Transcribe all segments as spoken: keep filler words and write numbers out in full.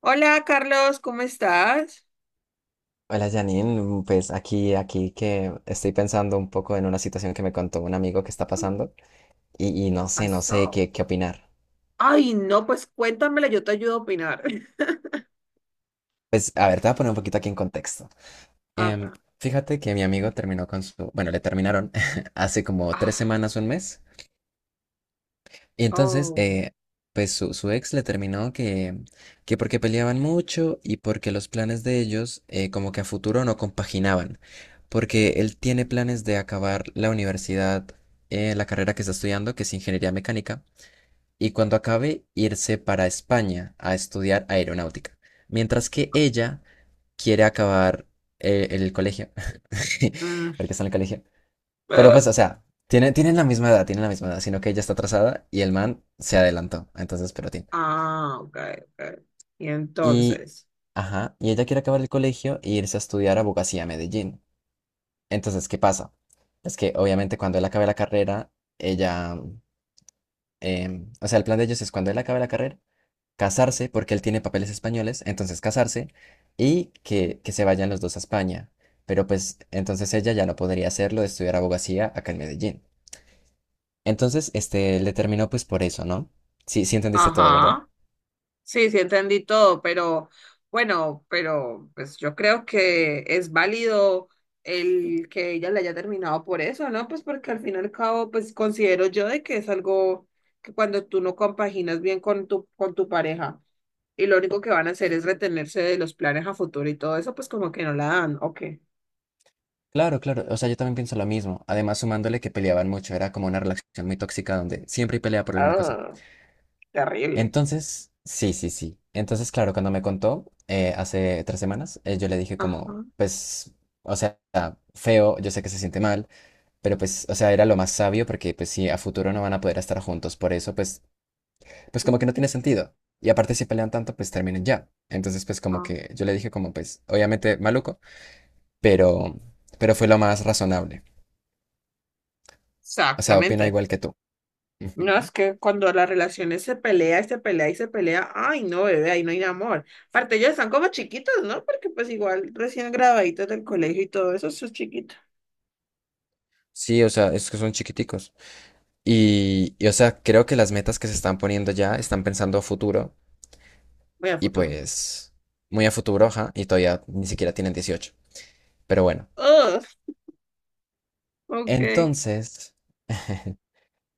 Hola Carlos, ¿cómo estás? Hola Janine, pues aquí, aquí que estoy pensando un poco en una situación que me contó un amigo que está pasando y, y no sé, no sé Pasó. qué, qué opinar. Ay, no, pues cuéntamela, yo te ayudo a opinar. Pues a ver, te voy a poner un poquito aquí en contexto. Em, Acá. Fíjate que mi amigo terminó con su, bueno, le terminaron hace como tres Ah, semanas, un mes. Y entonces, oh. eh, pues su, su ex le terminó que, que porque peleaban mucho y porque los planes de ellos eh, como que a futuro no compaginaban, porque él tiene planes de acabar la universidad, eh, la carrera que está estudiando, que es ingeniería mecánica, y cuando acabe irse para España a estudiar aeronáutica, mientras que ella quiere acabar eh, el colegio, Mm, porque está en el colegio, pero ah, pues, o sea, tiene, tienen la misma edad, tienen la misma edad, sino que ella está atrasada y el man se adelantó. Entonces, pero tiene. ah, ok, ok. Y Y, entonces, ajá, y ella quiere acabar el colegio e irse a estudiar abogacía a Medellín. Entonces, ¿qué pasa? Es que obviamente cuando él acabe la carrera, ella, em, o sea, el plan de ellos es cuando él acabe la carrera, casarse, porque él tiene papeles españoles, entonces casarse y que, que se vayan los dos a España. Pero pues, entonces ella ya no podría hacerlo de estudiar abogacía acá en Medellín. Entonces, este, le terminó pues por eso, ¿no? Sí, sí entendiste todo, ¿verdad? ajá. Sí, sí entendí todo, pero bueno, pero pues yo creo que es válido el que ella le haya terminado por eso, ¿no? Pues porque al fin y al cabo, pues considero yo de que es algo que cuando tú no compaginas bien con tu, con tu pareja y lo único que van a hacer es retenerse de los planes a futuro y todo eso, pues como que no la dan. Ok. Claro, claro, o sea, yo también pienso lo mismo. Además, sumándole que peleaban mucho, era como una relación muy tóxica donde siempre hay pelea por alguna cosa. Ah, terrible. Entonces, sí, sí, sí. Entonces, claro, cuando me contó eh, hace tres semanas, eh, yo le dije como, Ajá. pues, o sea, feo, yo sé que se siente mal, pero pues, o sea, era lo más sabio porque pues sí, a futuro no van a poder estar juntos, por eso pues pues como que no tiene sentido. Y aparte si pelean tanto, pues terminen ya. Entonces pues como Ah, que yo le dije como pues obviamente maluco, pero, pero fue lo más razonable. O sea, opino exactamente. igual que tú. No, es Ujú. que cuando las relaciones se pelea y se pelea y se pelea, ay, no, bebé, ahí no hay amor. Aparte, ellos están como chiquitos, ¿no? Porque pues igual recién graduaditos del colegio y todo eso, eso es chiquito. Sí, o sea, es que son chiquiticos. Y, y, o sea, creo que las metas que se están poniendo ya están pensando a futuro Voy a y futuro. pues muy a futuro, ajá, y todavía ni siquiera tienen dieciocho. Pero bueno. Ugh, ok. Entonces,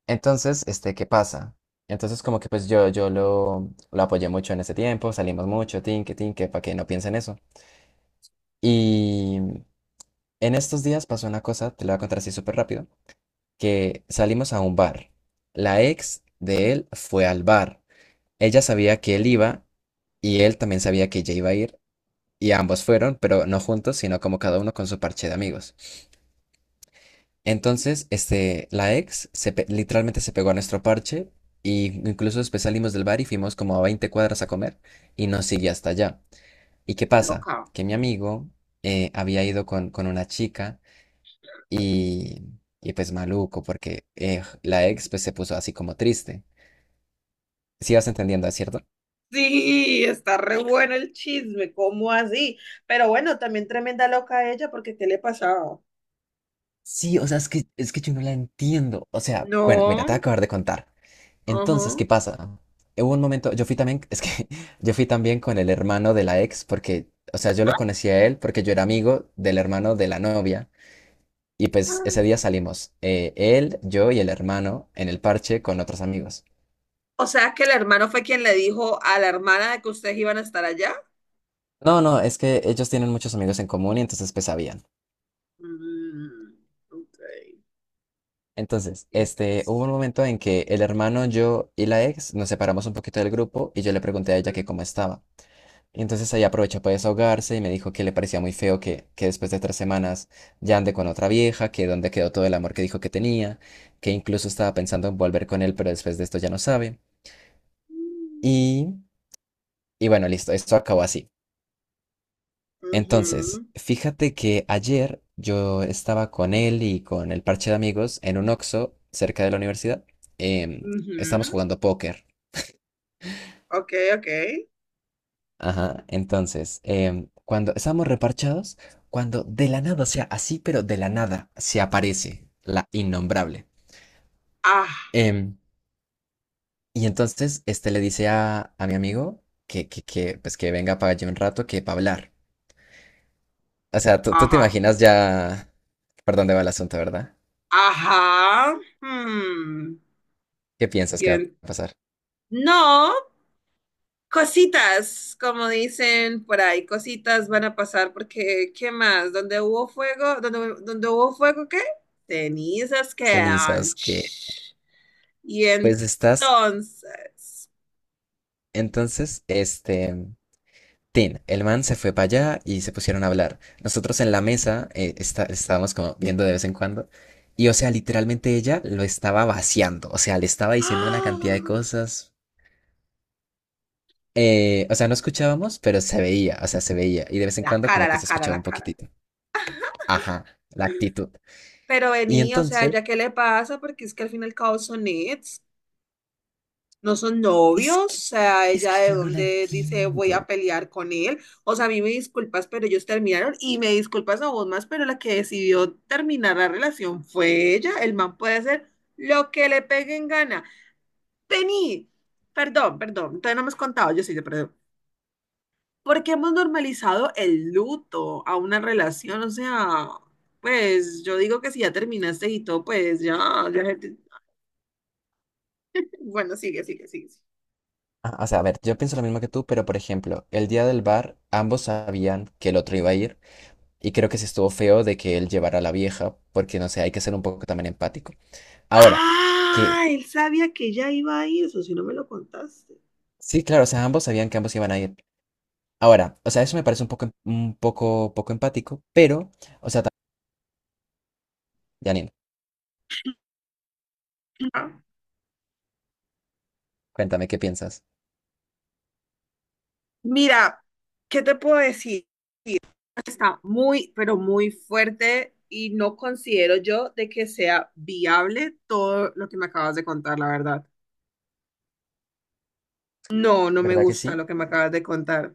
entonces, este, ¿qué pasa? Entonces, como que pues yo, yo lo, lo apoyé mucho en ese tiempo, salimos mucho, tinque, tinque, para que no piense en eso. Y en estos días pasó una cosa, te la voy a contar así súper rápido, que salimos a un bar. La ex de él fue al bar. Ella sabía que él iba y él también sabía que ella iba a ir y ambos fueron, pero no juntos, sino como cada uno con su parche de amigos. Entonces, este, la ex se pe- literalmente se pegó a nuestro parche y incluso después salimos del bar y fuimos como a veinte cuadras a comer y nos siguió hasta allá. ¿Y qué pasa? Loca. Que mi amigo eh, había ido con, con una chica y, y pues maluco porque eh, la ex pues se puso así como triste. Sí vas entendiendo, ¿es cierto? Sí, está re bueno el chisme, ¿cómo así? Pero bueno, también tremenda loca ella, porque ¿qué le pasaba? Sí, o sea, es que, es que yo no la entiendo. O sea, bueno, mira, No, te voy a acabar de contar. Entonces, ajá. ¿qué pasa? Hubo un momento, yo fui también, es que yo fui también con el hermano de la ex, porque, o sea, yo lo conocí a él porque yo era amigo del hermano de la novia. Y pues ese día salimos, eh, él, yo y el hermano en el parche con otros amigos. O sea que el hermano fue quien le dijo a la hermana de que ustedes iban a estar allá. No, no, es que ellos tienen muchos amigos en común y entonces pues sabían. Mm, ok, Entonces, este, hubo entonces. un momento en que el hermano, yo y la ex nos separamos un poquito del grupo y yo le pregunté a ella que Mm, cómo estaba. Y entonces ahí aprovechó para desahogarse y me dijo que le parecía muy feo que, que después de tres semanas ya ande con otra vieja, que donde quedó todo el amor que dijo que tenía, que incluso estaba pensando en volver con él, pero después de esto ya no sabe. mm, Y, y bueno, listo, esto acabó así. Entonces, ujú, fíjate que ayer yo estaba con él y con el parche de amigos en un Oxxo cerca de la universidad. em, Estamos ujú, jugando póker. ok, ok. Ajá, entonces, em, cuando estamos reparchados, cuando de la nada, o sea, así, pero de la nada, se aparece la innombrable. Ah, Em, y entonces, este le dice a, a mi amigo que, que, que, pues que venga para allí un rato, que para hablar. O sea, tú, tú te ajá, imaginas ya por dónde va el asunto, ¿verdad? ajá. Hmm. ¿Qué piensas que va Bien. a pasar? No. Cositas, como dicen por ahí, cositas van a pasar porque, ¿qué más? Donde hubo fuego, donde, donde hubo fuego, ¿qué? Cenizas quedan. Cenizas, que, Shh. Y pues estás, entonces, entonces, este... Tin, el man se fue para allá y se pusieron a hablar. Nosotros en la mesa eh, está- estábamos como viendo de vez en cuando. Y o sea, literalmente ella lo estaba vaciando. O sea, le estaba diciendo una cantidad de ¡ah! cosas. Eh, o sea, no escuchábamos, pero se veía. O sea, se veía. Y de vez en la cuando cara, como que la se cara, escuchaba la un cara. poquitito. Ajá, la actitud. Pero Y vení, o sea, entonces, ¿ya qué le pasa? Porque es que al fin y al cabo son nits. No son novios, es o que, sea, es ella que de yo no la dónde dice voy a entiendo. pelear con él. O sea, a mí me disculpas, pero ellos terminaron y me disculpas a vos más, pero la que decidió terminar la relación fue ella. El man puede hacer lo que le pegue en gana. Vení, perdón, perdón, todavía no me has contado, yo sí te perdón. ¿Por qué hemos normalizado el luto a una relación? O sea, pues yo digo que si ya terminaste y todo, pues ya, ya. Bueno, sigue, sigue, sigue. Ah, o sea, a ver, yo pienso lo mismo que tú, pero por ejemplo, el día del bar, ambos sabían que el otro iba a ir. Y creo que sí estuvo feo de que él llevara a la vieja, porque no sé, hay que ser un poco también empático. Ahora, que Ah, él sabía que ya iba ahí, eso si no me lo contaste. sí, claro, o sea, ambos sabían que ambos iban a ir. Ahora, o sea, eso me parece un poco, em- un poco, poco empático, pero, o sea, también, Janine, Ah, cuéntame qué piensas. mira, ¿qué te puedo decir? Está muy, pero muy fuerte y no considero yo de que sea viable todo lo que me acabas de contar, la verdad. No, no me ¿Verdad que gusta sí? lo que me acabas de contar.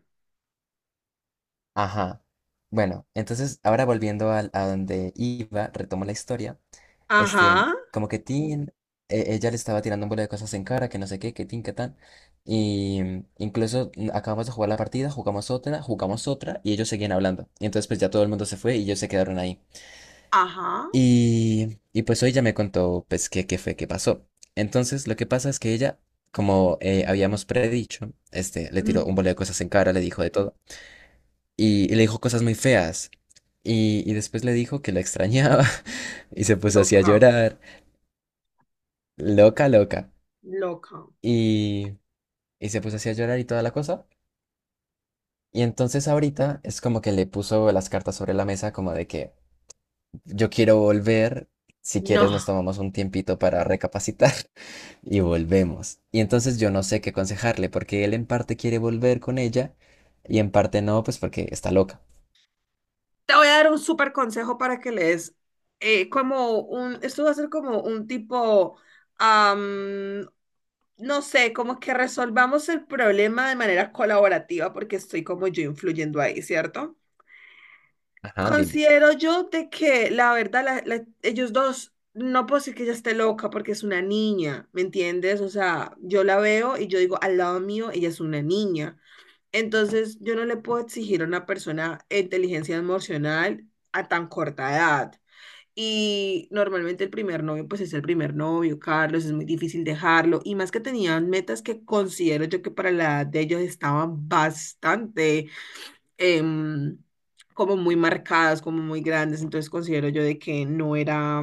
Ajá. Bueno, entonces ahora volviendo al- a, donde iba, retomo la historia. Este, Ajá, como que Tin, e- ella le estaba tirando un bola de cosas en cara, que no sé qué, que Tin, que tan. Y mm, incluso mm, acabamos de jugar la partida, jugamos otra, jugamos otra, y ellos seguían hablando. Y entonces pues ya todo el mundo se fue y ellos se quedaron ahí. ajá. Y, y pues hoy ya me contó pues qué, qué fue, qué pasó. Entonces lo que pasa es que ella, como eh, habíamos predicho, este, le tiró un Mm, bola de cosas en cara, le dijo de todo. Y, y le dijo cosas muy feas. Y, y después le dijo que la extrañaba y se puso así a loca, llorar. Loca, loca. loca. y, y se puso así a llorar y toda la cosa. Y entonces ahorita es como que le puso las cartas sobre la mesa como de que yo quiero volver, si No. quieres nos tomamos un tiempito para recapacitar y volvemos. Y entonces yo no sé qué aconsejarle porque él en parte quiere volver con ella y en parte no, pues porque está loca. Te voy a dar un súper consejo para que lees. Eh, como un, esto va a ser como un tipo, am, no sé, como que resolvamos el problema de manera colaborativa porque estoy como yo influyendo ahí, ¿cierto? Ajá, dime. Considero yo de que la verdad, la- la- ellos dos, no puedo decir que ella esté loca porque es una niña, ¿me entiendes? O sea, yo la veo y yo digo, al lado mío, ella es una niña. Entonces, yo no le puedo exigir a una persona inteligencia emocional a tan corta edad. Y normalmente el primer novio, pues es el primer novio, Carlos, es muy difícil dejarlo. Y más que tenían metas que considero yo que para la edad de ellos estaban bastante em, como muy marcadas, como muy grandes, entonces considero yo de que no era,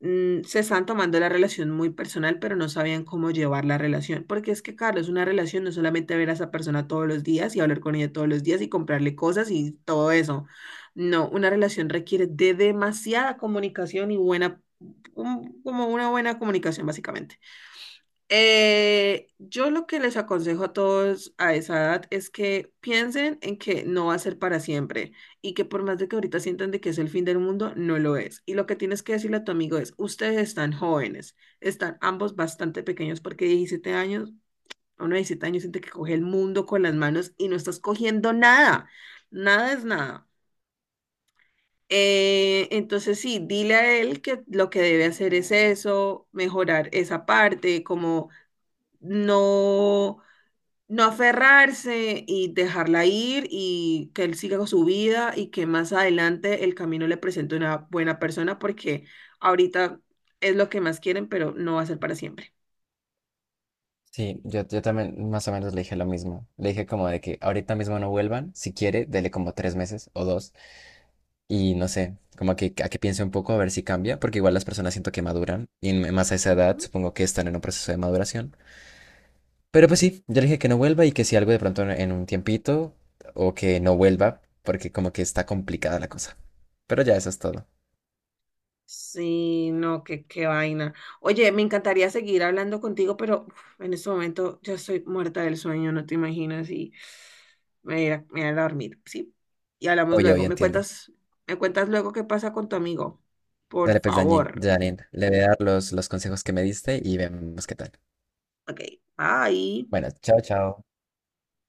mm, se están tomando la relación muy personal, pero no sabían cómo llevar la relación, porque es que, Carlos, una relación no es solamente ver a esa persona todos los días y hablar con ella todos los días y comprarle cosas y todo eso. No, una relación requiere de demasiada comunicación y buena, un- como una buena comunicación, básicamente. Eh, yo lo que les aconsejo a todos a esa edad es que piensen en que no va a ser para siempre y que por más de que ahorita sientan de que es el fin del mundo, no lo es. Y lo que tienes que decirle a tu amigo es, ustedes están jóvenes, están ambos bastante pequeños porque diecisiete años, a uno de diecisiete años siente que coge el mundo con las manos y no estás cogiendo nada, nada es nada. Eh, entonces sí, dile a él que lo que debe hacer es eso, mejorar esa parte, como no no aferrarse y dejarla ir y que él siga con su vida y que más adelante el camino le presente una buena persona porque ahorita es lo que más quieren, pero no va a ser para siempre. Sí, yo, yo también más o menos le dije lo mismo. Le dije como de que ahorita mismo no vuelvan, si quiere, dele como tres meses o dos. Y no sé, como que a que piense un poco a ver si cambia, porque igual las personas siento que maduran y en- más a esa edad Ujú. supongo que están en un proceso de maduración. Pero pues sí, yo le dije que no vuelva y que si algo de pronto en en un tiempito o que no vuelva, porque como que está complicada la cosa. Pero ya eso es todo. Sí, no, qué, qué vaina. Oye, me encantaría seguir hablando contigo, pero uf, en este momento yo estoy muerta del sueño, no te imaginas, y me voy a, me voy a dormir, ¿sí? Y hablamos Oye, luego. oye, ¿Me entiendo. cuentas, Me cuentas luego qué pasa con tu amigo? Por Dale pues, Dañin, favor. Janine, le voy a dar los, los consejos que me diste y vemos qué tal. Ok, bye. Bueno, chao, chao.